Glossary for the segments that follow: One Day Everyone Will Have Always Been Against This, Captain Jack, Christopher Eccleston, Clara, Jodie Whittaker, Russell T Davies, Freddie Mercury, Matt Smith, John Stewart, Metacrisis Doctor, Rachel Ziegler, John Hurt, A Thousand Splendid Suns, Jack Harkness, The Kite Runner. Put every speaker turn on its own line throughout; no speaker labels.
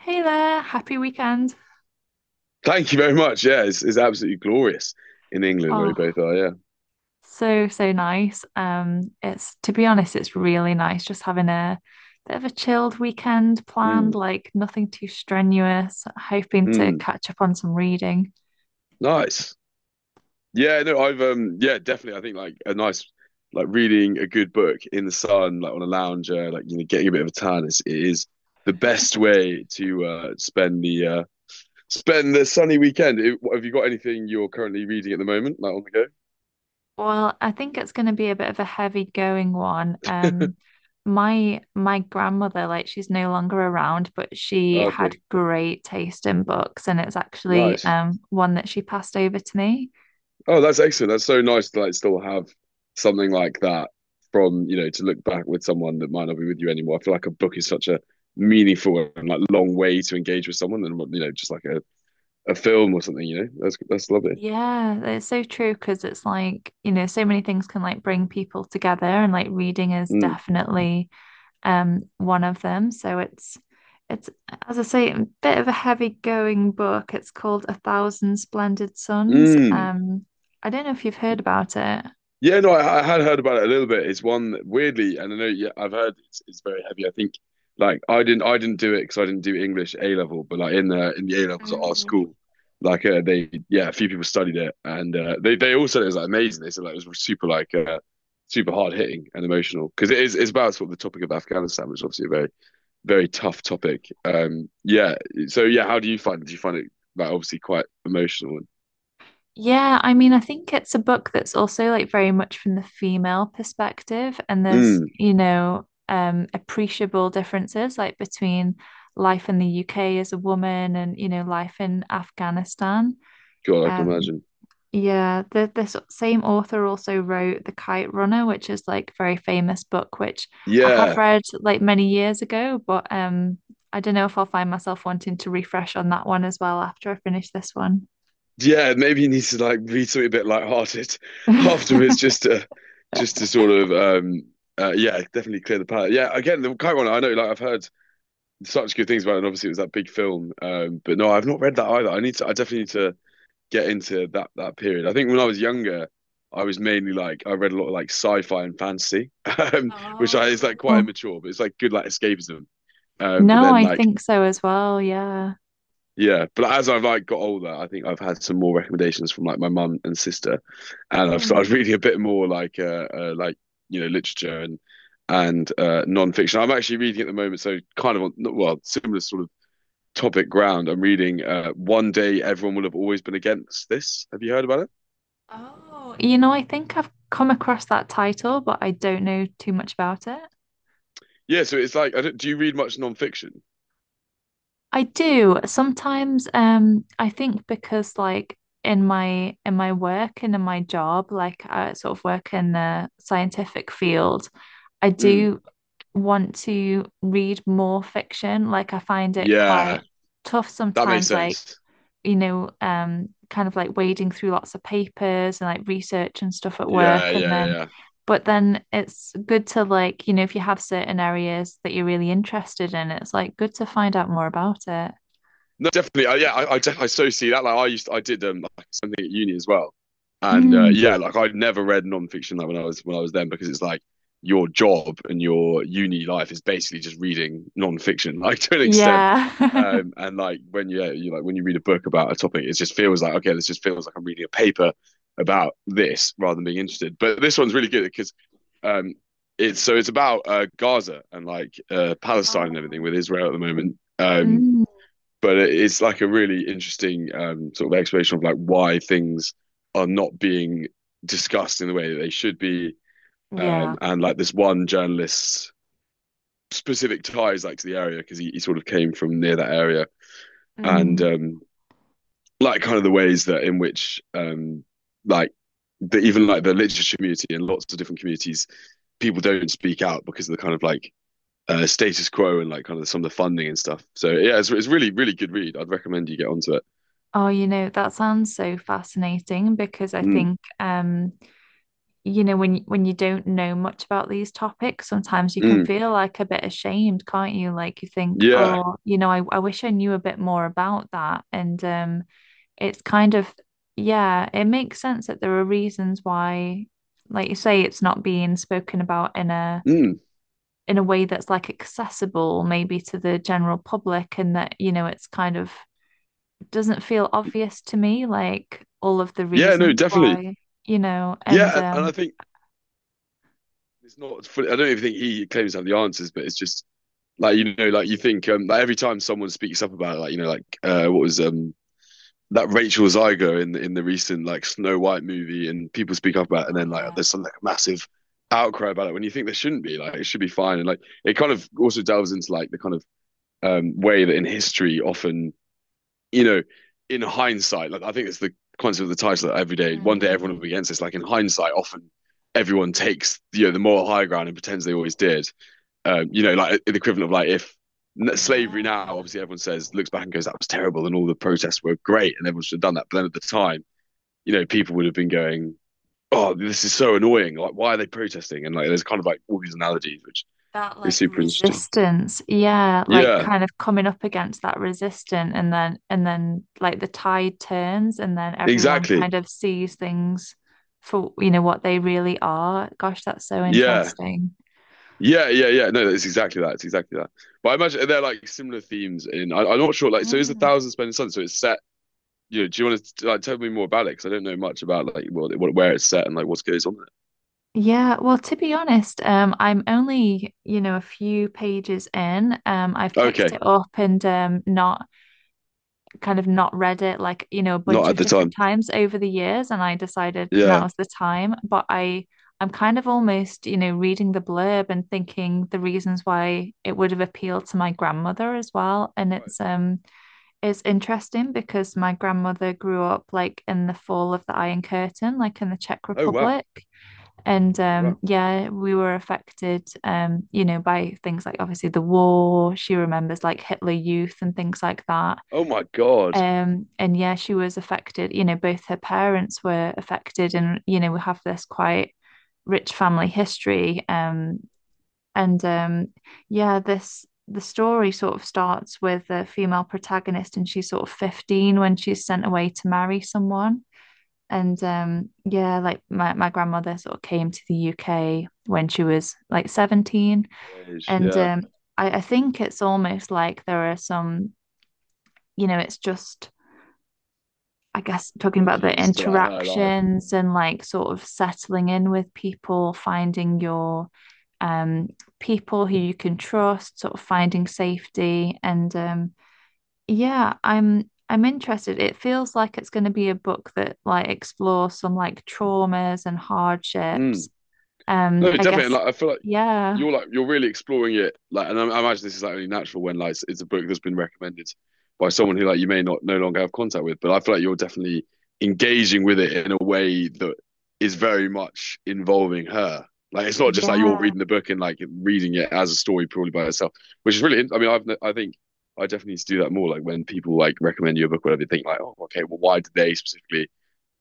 Hey there, happy weekend.
Thank you very much. Yeah, it's absolutely glorious in England where we
Oh,
both are. Yeah.
so nice. It's to be honest, it's really nice just having a bit of a chilled weekend planned,
Mm,
like nothing too strenuous, hoping to
mm.
catch up on some reading.
Nice. Yeah, no, I've yeah, definitely. I think like a nice like reading a good book in the sun, like on a lounger, like you know, getting a bit of a tan is the best way to spend the sunny weekend. Have you got anything you're currently reading at the moment, like on the
Well, I think it's going to be a bit of a heavy going one. My grandmother, like she's no longer around, but
go?
she
Okay,
had great taste in books, and it's actually
nice.
one that she passed over to me.
Oh, that's excellent. That's so nice to like still have something like that from, you know, to look back with someone that might not be with you anymore. I feel like a book is such a meaningful and like long way to engage with someone and you know, just like a film or something, you know. That's lovely.
Yeah, it's so true because it's like, you know, so many things can like bring people together and like reading is
Mm.
definitely one of them. So it's as I say, a bit of a heavy going book. It's called A Thousand Splendid Suns.
Mm.
I don't know if you've heard about it.
Yeah, no, I had heard about it a little bit. It's one that weirdly, and I know yeah, I've heard it's very heavy. I think like I didn't do it because I didn't do English A level, but like in the A levels at our school, like they yeah, a few people studied it and they all said it was like amazing. They said like it was super like super hard hitting and emotional because it's about sort of the topic of Afghanistan, which is obviously a very very tough topic. Yeah. So yeah, how do you find it? Do you find it like obviously quite emotional?
Yeah, I mean, I think it's a book that's also like very much from the female perspective, and
And,
there's,
mm,
you know, appreciable differences like between life in the UK as a woman and, you know, life in Afghanistan.
God, I can
Um,
imagine.
yeah, the this same author also wrote The Kite Runner, which is like very famous book, which I have
Yeah.
read like many years ago, but I don't know if I'll find myself wanting to refresh on that one as well after I finish this one.
Yeah, maybe he needs to like be something a bit lighthearted afterwards, just to just to sort of um yeah, definitely clear the palate. Yeah, again, the Kite Runner, I know like I've heard such good things about it, and obviously it was that big film. But no, I've not read that either. I definitely need to get into that period. I think when I was younger, I was mainly like I read a lot of like sci-fi and fantasy, which
Oh,
I is like
cool.
quite
Oh,
immature, but it's like good like escapism. But
no,
then
I
like
think so as well. Yeah.
yeah, but as I've like got older, I think I've had some more recommendations from like my mum and sister and I've started
Hmm.
reading a bit more like you know literature and non-fiction. I'm actually reading at the moment, so kind of on well similar sort of topic ground. I'm reading One Day Everyone Will Have Always Been Against This. Have you heard about it?
Oh, you know, I think I've come across that title, but I don't know too much about it.
Yeah, so it's like I don't, do you read much non-fiction?
I do sometimes. I think because like in my work and in my job, like I sort of work in the scientific field, I
Mm,
do want to read more fiction. Like I find it quite
yeah,
tough
that makes
sometimes. Like
sense.
you know, kind of like wading through lots of papers and like research and stuff at
Yeah,
work. And
yeah, yeah,
then,
yeah.
but then it's good to like, you know, if you have certain areas that you're really interested in, it's like good to find out more about it.
No, definitely. Yeah, I so see that. Like I used to, I did like something at uni as well, and
Mm,
yeah, like I'd never read nonfiction like when I was then because it's like your job and your uni life is basically just reading nonfiction, like to an extent.
yeah.
And like when you, yeah, you like when you read a book about a topic, it just feels like okay, this just feels like I'm reading a paper about this rather than being interested. But this one's really good because um, it's about Gaza and like Palestine and everything
Oh,
with Israel at the moment.
mm,
But it's like a really interesting sort of explanation of like why things are not being discussed in the way that they should be.
yeah.
And like this one journalist's specific ties like to the area because he sort of came from near that area and
Mm.
like kind of the ways that in which like the, even like the literature community and lots of different communities people don't speak out because of the kind of like status quo and like kind of some of the funding and stuff. So yeah, it's really really good read. I'd recommend you get onto it.
Oh, you know, that sounds so fascinating because I
Mm,
think you know, when you don't know much about these topics, sometimes you can
mm.
feel like a bit ashamed, can't you? Like you think,
Yeah.
oh, you know, I wish I knew a bit more about that. And it's kind of, yeah, it makes sense that there are reasons why, like you say, it's not being spoken about
Mm.
in a way that's like accessible maybe to the general public, and that, you know, it's kind of doesn't feel obvious to me, like all of the
Yeah, no,
reasons
definitely.
why, you know, and
Yeah, and I think it's not fully, I don't even think he claims to have the answers, but it's just like you know, like you think like every time someone speaks up about it, like you know, like what was that Rachel Ziegler in the recent like Snow White movie and people speak up about it and
oh,
then like
yeah.
there's some like massive outcry about it when you think there shouldn't be, like it should be fine. And like it kind of also delves into like the kind of way that in history often you know, in hindsight, like I think it's the concept of the title that every day, one day
Mm,
everyone will be against this. Like in hindsight, often everyone takes you know the moral high ground and pretends they always did. You know, like the equivalent of like if slavery now,
yeah.
obviously everyone says looks back and goes that was terrible and all the protests were great and everyone should have done that. But then at the time, you know, people would have been going, oh, this is so annoying. Like why are they protesting? And like there's kind of like all these analogies, which
That
is
like
super interesting.
resistance. Yeah, like
Yeah,
kind of coming up against that resistance and then like the tide turns and then everyone
exactly.
kind of sees things for you know what they really are. Gosh, that's so
Yeah.
interesting.
Yeah, yeah, yeah. No, it's exactly that. It's exactly that. But I imagine they're like similar themes in. I'm not sure. Like, so is a
Mm.
Thousand Splendid Suns? So it's set. You know, do you want to like tell me more about it? Because I don't know much about like what where it's set and like what goes on
Yeah, well, to be honest, I'm only, you know, a few pages in. I've
there.
picked
Okay,
it up and not kind of not read it like, you know, a
not
bunch
at
of
the
different
time.
times over the years, and I decided
Yeah.
now's the time. But I'm kind of almost, you know, reading the blurb and thinking the reasons why it would have appealed to my grandmother as well. And
Right.
it's it's interesting because my grandmother grew up like in the fall of the Iron Curtain, like in the Czech
Oh wow.
Republic. And
Oh wow.
yeah, we were affected, you know, by things like obviously the war. She remembers like Hitler Youth and things like that,
Oh my God.
and yeah, she was affected, you know, both her parents were affected, and you know, we have this quite rich family history. And Yeah, this the story sort of starts with a female protagonist and she's sort of 15 when she's sent away to marry someone. And
It's
Yeah, like my grandmother sort of came to the UK when she was like 17.
that age.
And
Yeah.
I think it's almost like there are some, you know, it's just, I guess, talking about the
Analogies to like her life.
interactions and like sort of settling in with people, finding your um, people who you can trust, sort of finding safety. And yeah, I'm interested. It feels like it's going to be a book that like explores some like traumas and hardships.
Mm. No,
I
definitely.
guess,
Like I feel
yeah,
like you're really exploring it like and I imagine this is like only natural when like it's a book that's been recommended by someone who like you may not no longer have contact with, but I feel like you're definitely engaging with it in a way that is very much involving her. Like it's not just like you're
yeah,
reading the book and like reading it as a story purely by itself, which is really. I mean I think I definitely need to do that more, like when people like recommend you a book, whatever, they think like, oh, okay, well, why did they specifically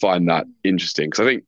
find that
mm,
interesting? Because I think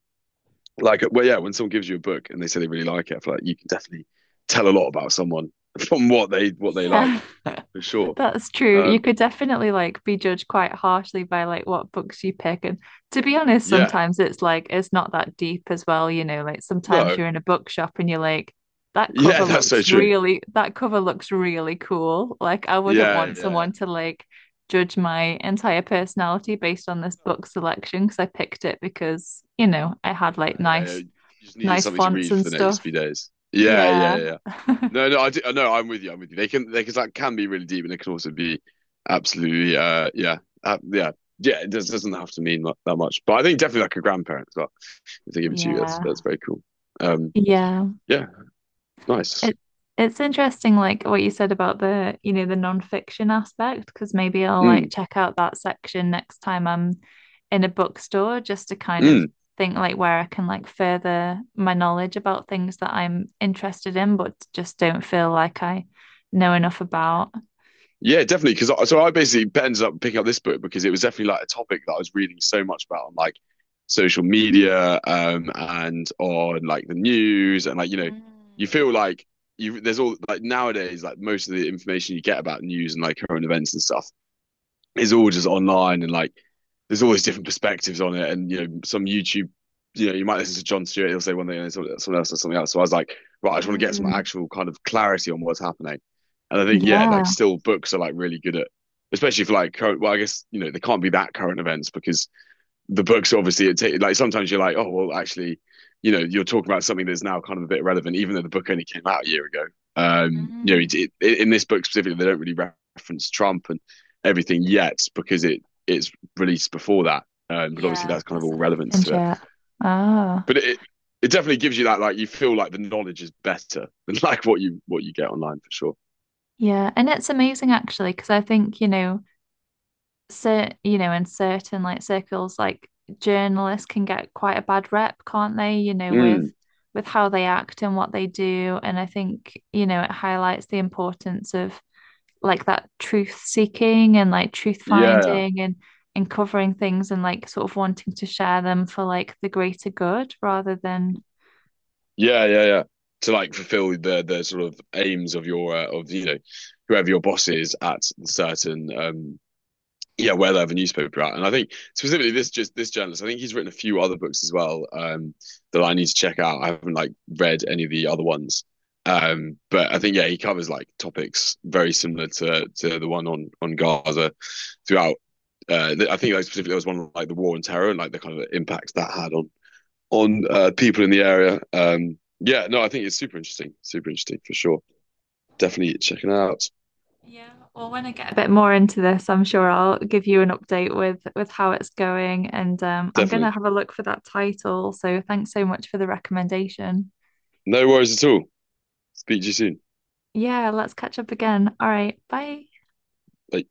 like, well, yeah, when someone gives you a book and they say they really like it, I feel like you can definitely tell a lot about someone from what they like
yeah.
for sure.
That's true. You
um
could definitely like be judged quite harshly by like what books you pick. And to be honest,
yeah,
sometimes it's like it's not that deep as well, you know, like sometimes
no
you're in a bookshop and you're like, that
yeah,
cover
that's so
looks
true.
really that cover looks really cool. Like I wouldn't
Yeah,
want
yeah, yeah,
someone to like judge my entire personality based on this book selection because I picked it because, you know, I had like
yeah, yeah, yeah, you just needed
nice
something to
fonts
read
and
for the next
stuff.
few days. Yeah, yeah,
Yeah.
yeah, yeah. No, no, I do, no, I'm with you, I'm with you, they can they can, that can be really deep and it can also be absolutely yeah, yeah. Yeah it does, doesn't have to mean that much, but I think definitely like a grandparent as well, if they give it to you, that's
Yeah.
very cool. um
Yeah.
yeah, nice.
It it's interesting, like what you said about the, you know, the nonfiction aspect, because maybe I'll
Mm,
like check out that section next time I'm in a bookstore just to kind of
mm.
think like where I can like further my knowledge about things that I'm interested in, but just don't feel like I know enough about.
Yeah, definitely. Because I, so I basically ended up picking up this book because it was definitely like a topic that I was reading so much about on like social media and on like the news and like you know, you
Mm,
feel like you there's all like nowadays like most of the information you get about news and like current events and stuff, it's all just online and like there's always different perspectives on it. And you know, some YouTube, you know, you might listen to John Stewart, he'll say one thing and someone else or something else. So I was like, right, I just want to get some
mm,
actual kind of clarity on what's happening. And I think, yeah,
yeah.
like still books are like really good at, especially for like current. Well, I guess you know they can't be that current events because the books obviously it take, like sometimes you're like oh well actually you know you're talking about something that's now kind of a bit irrelevant even though the book only came out a year ago. You know
Mm.
in this book specifically they don't really reference Trump and everything yet because it's released before that. But obviously
Yeah,
that's kind of all
hasn't
relevance
happened
to it.
yet. Chat. Oh,
But it definitely gives you that like you feel like the knowledge is better than like what you get online for sure.
yeah. And it's amazing actually, because I think, you know, so you know, in certain like circles, like journalists can get quite a bad rep, can't they? You know,
Mm,
with how they act and what they do. And I think, you know, it highlights the importance of like that truth seeking and like truth
yeah.
finding and covering things and like sort of wanting to share them for like the greater good rather than
Yeah, yeah, yeah. To like fulfill the sort of aims of your of you know whoever your boss is at the certain yeah where they have a newspaper at. And I think specifically this just this journalist, I think he's written a few other books as well that I need to check out. I haven't like read any of the other ones. But I think yeah, he covers like topics very similar to the one on Gaza throughout. I think like, specifically there was one on, like the war on terror and like the kind of impact that had on people in the area. Yeah, no, I think it's super interesting. Super interesting for sure. Definitely check it out.
yeah, well, when I get a bit more into this, I'm sure I'll give you an update with how it's going, and I'm gonna
Definitely.
have a look for that title. So thanks so much for the recommendation.
No worries at all. Speak to you soon.
Yeah, let's catch up again. All right, bye.
Bye.